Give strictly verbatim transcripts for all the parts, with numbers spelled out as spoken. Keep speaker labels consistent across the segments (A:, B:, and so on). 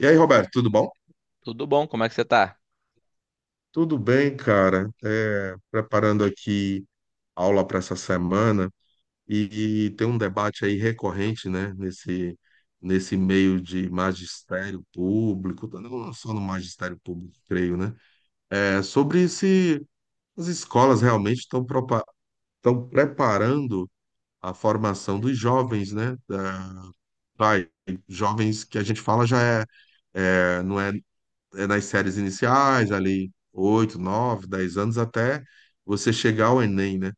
A: E aí, Roberto, tudo bom?
B: Tudo bom? Como é que você tá?
A: Tudo bem, cara? É, preparando aqui aula para essa semana e, e tem um debate aí recorrente, né? Nesse, nesse meio de magistério público, não só no magistério público, creio, né? É sobre se as escolas realmente estão propa- estão preparando a formação dos jovens, né? Da- vai, Jovens que a gente fala já é, é, não é é, nas séries iniciais, ali, oito nove dez anos, até você chegar ao Enem, né?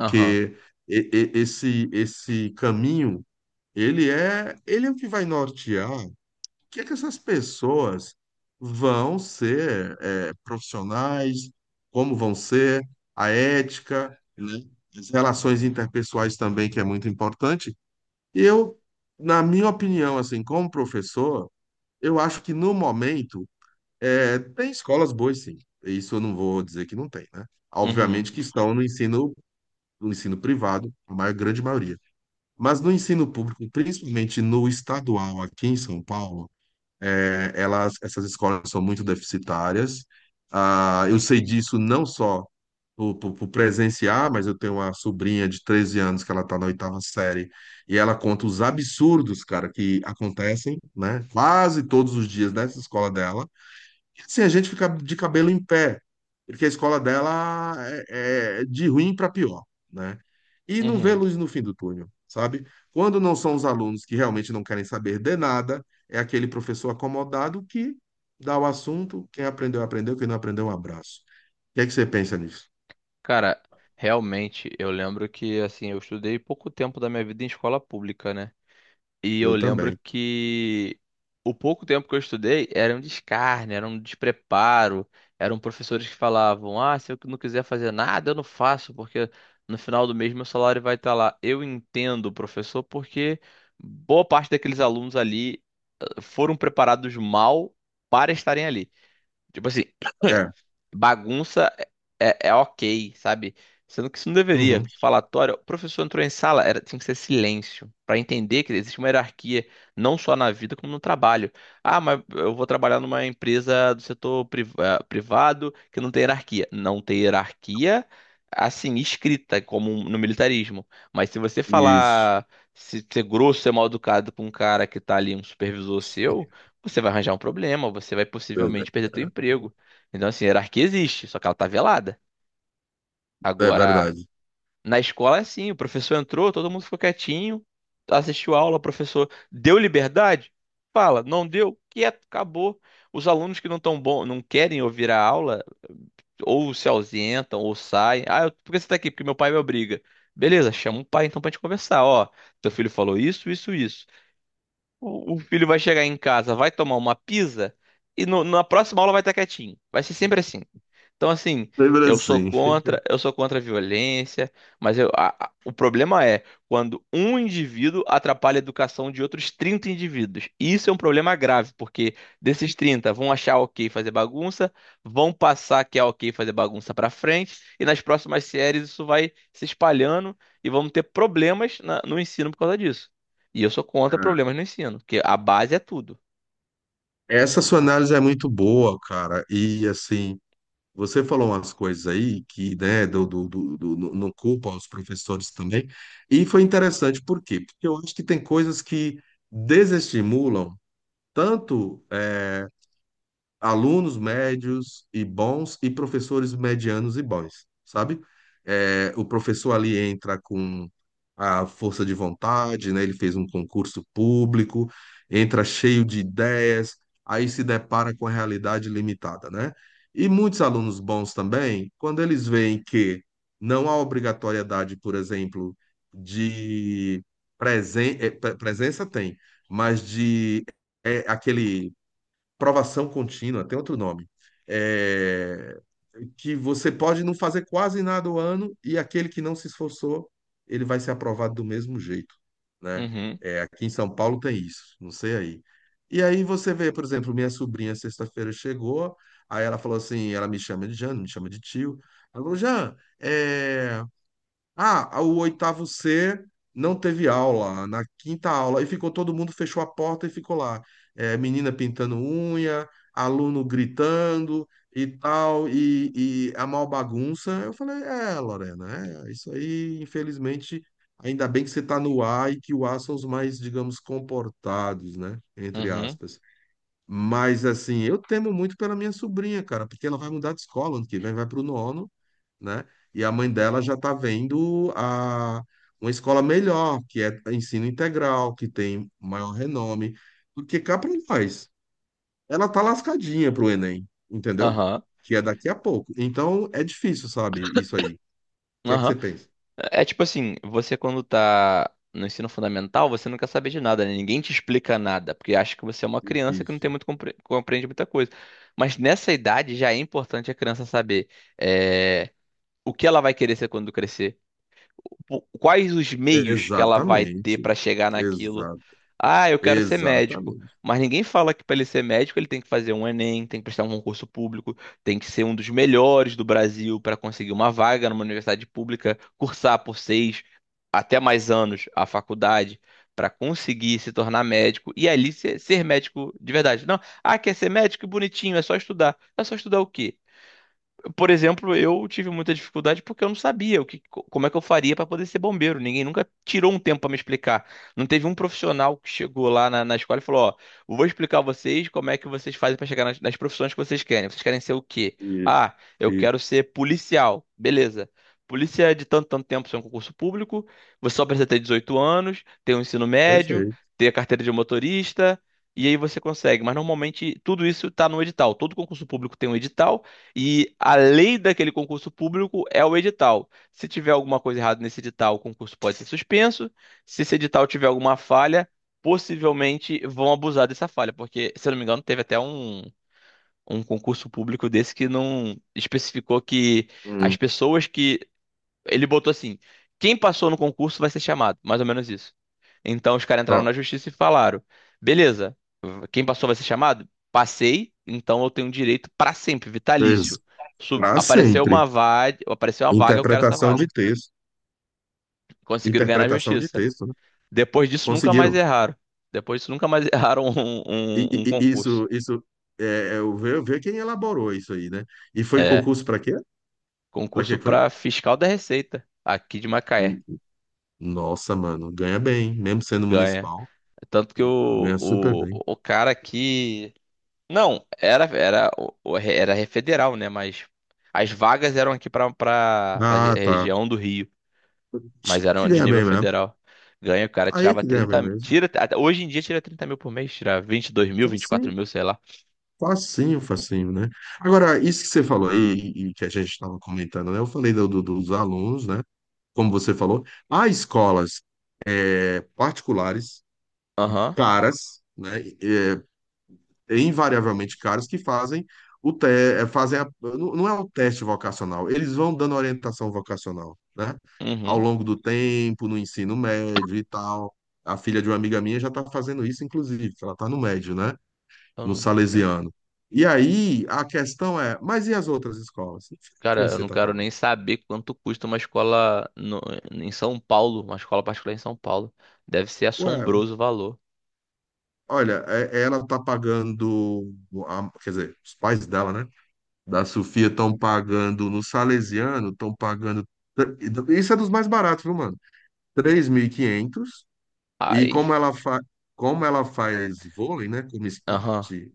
B: Aham.
A: e- e- esse, esse caminho, ele é, ele é o que vai nortear o que é que essas pessoas vão ser é, profissionais, como vão ser, a ética, né? As relações interpessoais também, que é muito importante. E eu, na minha opinião, assim, como professor, eu acho que no momento é, tem escolas boas, sim. Isso eu não vou dizer que não tem, né?
B: Uhum.
A: Obviamente que estão no ensino, no ensino privado, a maior, grande maioria. Mas no ensino público, principalmente no estadual aqui em São Paulo, é, elas, essas escolas são muito deficitárias. Ah, eu sei disso não só por, por, por presenciar, mas eu tenho uma sobrinha de treze anos que ela está na oitava série e ela conta os absurdos, cara, que acontecem, né? Quase todos os dias nessa escola dela e assim, a gente fica de cabelo em pé, porque a escola dela é, é de ruim para pior, né? E não vê
B: Uhum.
A: luz no fim do túnel, sabe? Quando não são os alunos que realmente não querem saber de nada, é aquele professor acomodado que dá o assunto, quem aprendeu, aprendeu, quem não aprendeu, um abraço. O que é que você pensa nisso?
B: Cara, realmente, eu lembro que, assim, eu estudei pouco tempo da minha vida em escola pública, né? E eu
A: Eu
B: lembro
A: também.
B: que o pouco tempo que eu estudei era um descarne, era um despreparo, eram professores que falavam: ah, se eu não quiser fazer nada, eu não faço, porque no final do mês meu salário vai estar lá. Eu entendo, professor, porque boa parte daqueles alunos ali eh, foram preparados mal para estarem ali. Tipo assim,
A: É.
B: bagunça é, é é ok, sabe? Sendo que isso não deveria.
A: Uhum.
B: Falatório, o professor entrou em sala, era, tinha que ser silêncio, para entender que existe uma hierarquia, não só na vida, como no trabalho. Ah, mas eu vou trabalhar numa empresa do setor priv- eh, privado que não tem hierarquia. Não tem hierarquia, assim, escrita, como no militarismo. Mas se você
A: Isso.
B: falar, se ser grosso, ser mal educado com um cara que tá ali, um supervisor seu, você vai arranjar um problema, você vai possivelmente perder teu emprego. Então, assim, a hierarquia existe, só que ela tá velada.
A: É
B: Agora,
A: verdade.
B: na escola é assim, o professor entrou, todo mundo ficou quietinho, assistiu a aula, o professor deu liberdade, fala, não deu, quieto, acabou. Os alunos que não tão bom, não querem ouvir a aula, ou se ausentam, ou saem. Ah, eu- por que você tá aqui? Porque meu pai me obriga. Beleza, chama o pai então pra gente conversar. Ó, teu filho falou isso, isso, isso. O, o filho vai chegar em casa, vai tomar uma pizza e no- na próxima aula vai estar quietinho. Vai ser sempre assim. Então, assim,
A: Lembra
B: eu sou
A: assim.
B: contra, eu sou contra a violência, mas eu, a- a- o problema é quando um indivíduo atrapalha a educação de outros trinta indivíduos. Isso é um problema grave, porque desses trinta vão achar ok fazer bagunça, vão passar que é ok fazer bagunça pra frente, e nas próximas séries isso vai se espalhando e vamos ter problemas na- no ensino por causa disso. E eu sou contra
A: É.
B: problemas no ensino, porque a base é tudo.
A: Essa sua análise é muito boa, cara. E assim, você falou umas coisas aí que, né, do, do, do, do- no- não culpa os professores também, e foi interessante, por quê? Porque eu acho que tem coisas que desestimulam tanto eh, alunos médios e bons e professores medianos e bons, sabe? É, o professor ali entra com a força de vontade, né? Ele fez um concurso público, entra cheio de ideias, aí se depara com a realidade limitada, né? E muitos alunos bons também, quando eles veem que não há obrigatoriedade, por exemplo, de presen eh, pre- presença tem, mas de é, aquele provação contínua, tem outro nome, é, que você pode não fazer quase nada o ano e aquele que não se esforçou, ele vai ser aprovado do mesmo jeito, né?
B: Uhum,
A: É, aqui em São Paulo tem isso, não sei aí. E aí você vê, por exemplo, minha sobrinha sexta-feira chegou, aí ela falou assim, ela me chama de Jean, não me chama de tio. Ela falou, Jean, é, ah, o oitavo C não teve aula, na quinta aula, e ficou todo mundo, fechou a porta e ficou lá. É, menina pintando unha, aluno gritando e tal, e, e a mal bagunça. Eu falei, é, Lorena, é, isso aí, infelizmente, ainda bem que você está no A e que o A são os mais, digamos, comportados, né? Entre
B: uhum,
A: aspas. Mas, assim, eu temo muito pela minha sobrinha, cara, porque ela vai mudar de escola ano que vem, vai para o nono, né? E a mãe dela já está vendo a, uma escola melhor, que é ensino integral, que tem maior renome. Porque cá para nós, ela tá lascadinha pro Enem, entendeu?
B: aham,
A: Que é daqui a pouco. Então é difícil, sabe, isso aí. O que é que você
B: aham.
A: pensa?
B: É é tipo assim, você quando tá no ensino fundamental, você não quer saber de nada, né? Ninguém te explica nada, porque acha que você é uma criança que não
A: Isso.
B: tem muito compre- compreende muita coisa. Mas nessa idade já é importante a criança saber é, o que ela vai querer ser quando crescer, o- quais os meios que ela vai ter
A: Exatamente.
B: para chegar naquilo.
A: Exato.
B: Ah, eu quero ser médico.
A: Exatamente.
B: Mas ninguém fala que para ele ser médico ele tem que fazer um Enem, tem que prestar um concurso público, tem que ser um dos melhores do Brasil para conseguir uma vaga numa universidade pública, cursar por seis até mais anos a faculdade para conseguir se tornar médico e ali ser, ser médico de verdade. Não, ah, quer ser médico? Que bonitinho, é só estudar. É só estudar o quê? Por exemplo, eu tive muita dificuldade porque eu não sabia o que, co- como é que eu faria para poder ser bombeiro. Ninguém nunca tirou um tempo para me explicar. Não teve um profissional que chegou lá na, na escola e falou: ó, eu vou explicar a vocês como é que vocês fazem para chegar nas, nas profissões que vocês querem. Vocês querem ser o quê?
A: Isso.
B: Ah, eu
A: Isso.
B: quero ser policial. Beleza. Polícia é de tanto, tanto tempo, isso é um concurso público. Você só precisa ter dezoito anos, ter um ensino médio,
A: Perfeito.
B: ter a carteira de motorista. E aí você consegue, mas normalmente tudo isso está no edital. Todo concurso público tem um edital e a lei daquele concurso público é o edital. Se tiver alguma coisa errada nesse edital, o concurso pode ser suspenso. Se esse edital tiver alguma falha, possivelmente vão abusar dessa falha, porque, se eu não me engano, teve até um, um concurso público desse que não especificou que as
A: Hum.
B: pessoas que ele botou assim: quem passou no concurso vai ser chamado, mais ou menos isso. Então os caras entraram
A: Ó,
B: na justiça e falaram: beleza, quem passou vai ser chamado? Passei, então eu tenho direito pra sempre, vitalício. Sub-
A: para
B: Apareceu
A: sempre.
B: uma vaga, apareceu uma vaga, eu quero essa
A: Interpretação
B: vaga.
A: de texto.
B: Conseguiram ganhar na
A: Interpretação de
B: justiça.
A: texto, né?
B: Depois disso, nunca mais
A: Conseguiram.
B: erraram. Depois disso, nunca mais erraram um,
A: E, e-
B: um- um
A: e
B: concurso.
A: isso, isso é, é, eu ver, ver quem elaborou isso aí, né? E foi
B: É,
A: concurso para quê? Para que
B: concurso
A: foi?
B: pra fiscal da Receita, aqui de Macaé.
A: N- Nossa, mano, ganha bem, mesmo sendo
B: Ganha.
A: municipal,
B: Tanto que o,
A: ganha super
B: o,
A: bem.
B: o cara aqui. Não, era era o- o- era re- federal, né? Mas as vagas eram aqui para para
A: Ah, tá.
B: região do Rio, mas
A: Tinha que
B: eram de
A: ganhar
B: nível
A: bem mesmo.
B: federal. Ganha, o cara
A: Aí é
B: tirava
A: que ganha bem
B: trinta, mi-
A: mesmo.
B: tira até- hoje em dia tira trinta mil por mês, tira vinte, e dois mil, vinte e quatro
A: Facinho,
B: mil, sei lá.
A: facinho, facinho, né? Agora, isso que você falou aí, e e que a gente estava comentando, né? Eu falei do, do- dos alunos, né? Como você falou, há escolas é, particulares
B: Aham,
A: caras, né, invariavelmente caros que fazem o te, eh, fazem a- não não é o teste vocacional, eles vão dando orientação vocacional, né? Ao
B: uhum.
A: longo do tempo, no ensino médio e tal. A filha de uma amiga minha já está fazendo isso, inclusive, que ela está no médio, né?
B: Eu
A: No
B: não-
A: Salesiano. E aí a questão é, mas e as outras escolas? É
B: cara,
A: isso que
B: eu
A: você
B: não
A: está
B: quero
A: falando.
B: nem saber quanto custa uma escola no- em São Paulo, uma escola particular em São Paulo. Deve ser
A: Ué,
B: assombroso o valor.
A: olha, é- ela está pagando, a- quer dizer, os pais dela, né? Da Sofia estão pagando no Salesiano, estão pagando. Isso é dos mais baratos, viu, mano? Três mil e quinhentos. E
B: Ai,
A: como ela fa... como ela faz vôlei, né, como
B: aham.
A: esporte,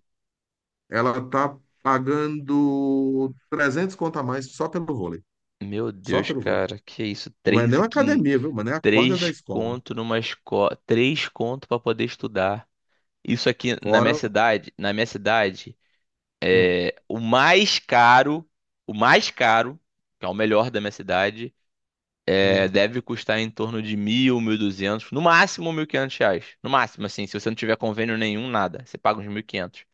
A: ela tá pagando trezentos conto a mais só pelo vôlei.
B: Meu
A: Só
B: Deus,
A: pelo vôlei.
B: cara, que isso?
A: Não é nem uma
B: três mil e quinhentos.
A: academia, viu, mano? É a quadra da
B: Três
A: escola.
B: conto numa escola, três conto pra poder estudar. Isso aqui na minha
A: Fora.
B: cidade, na minha cidade,
A: Hum,
B: é o mais caro, o mais caro, que é o melhor da minha cidade, é,
A: hum,
B: deve custar em torno de mil, mil e duzentos, no máximo mil e quinhentos reais, no máximo assim, se você não tiver convênio nenhum, nada, você paga uns mil e quinhentos.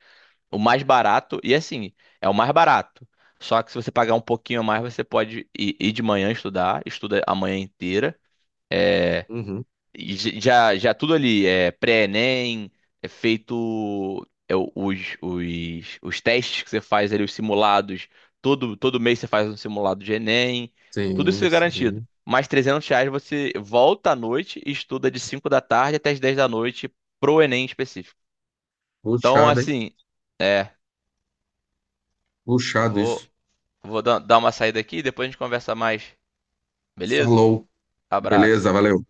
B: O mais barato e assim é o mais barato. Só que se você pagar um pouquinho a mais, você pode ir, ir de manhã estudar, estuda a manhã inteira. é,
A: uhum.
B: e j- Já, já tudo ali, é pré-ENEM, é feito é, o- os, os, os testes que você faz ali, os simulados, todo, todo mês você faz um simulado de ENEM, tudo isso
A: Sim,
B: é garantido.
A: sim.
B: Mais trezentos reais você volta à noite e estuda de cinco da tarde até as dez da noite pro ENEM específico. Então,
A: Puxado, hein?
B: assim, é,
A: Puxado
B: vou,
A: isso.
B: vou dar dar uma saída aqui e depois a gente conversa mais, beleza?
A: Falou. Beleza,
B: Abraço.
A: valeu.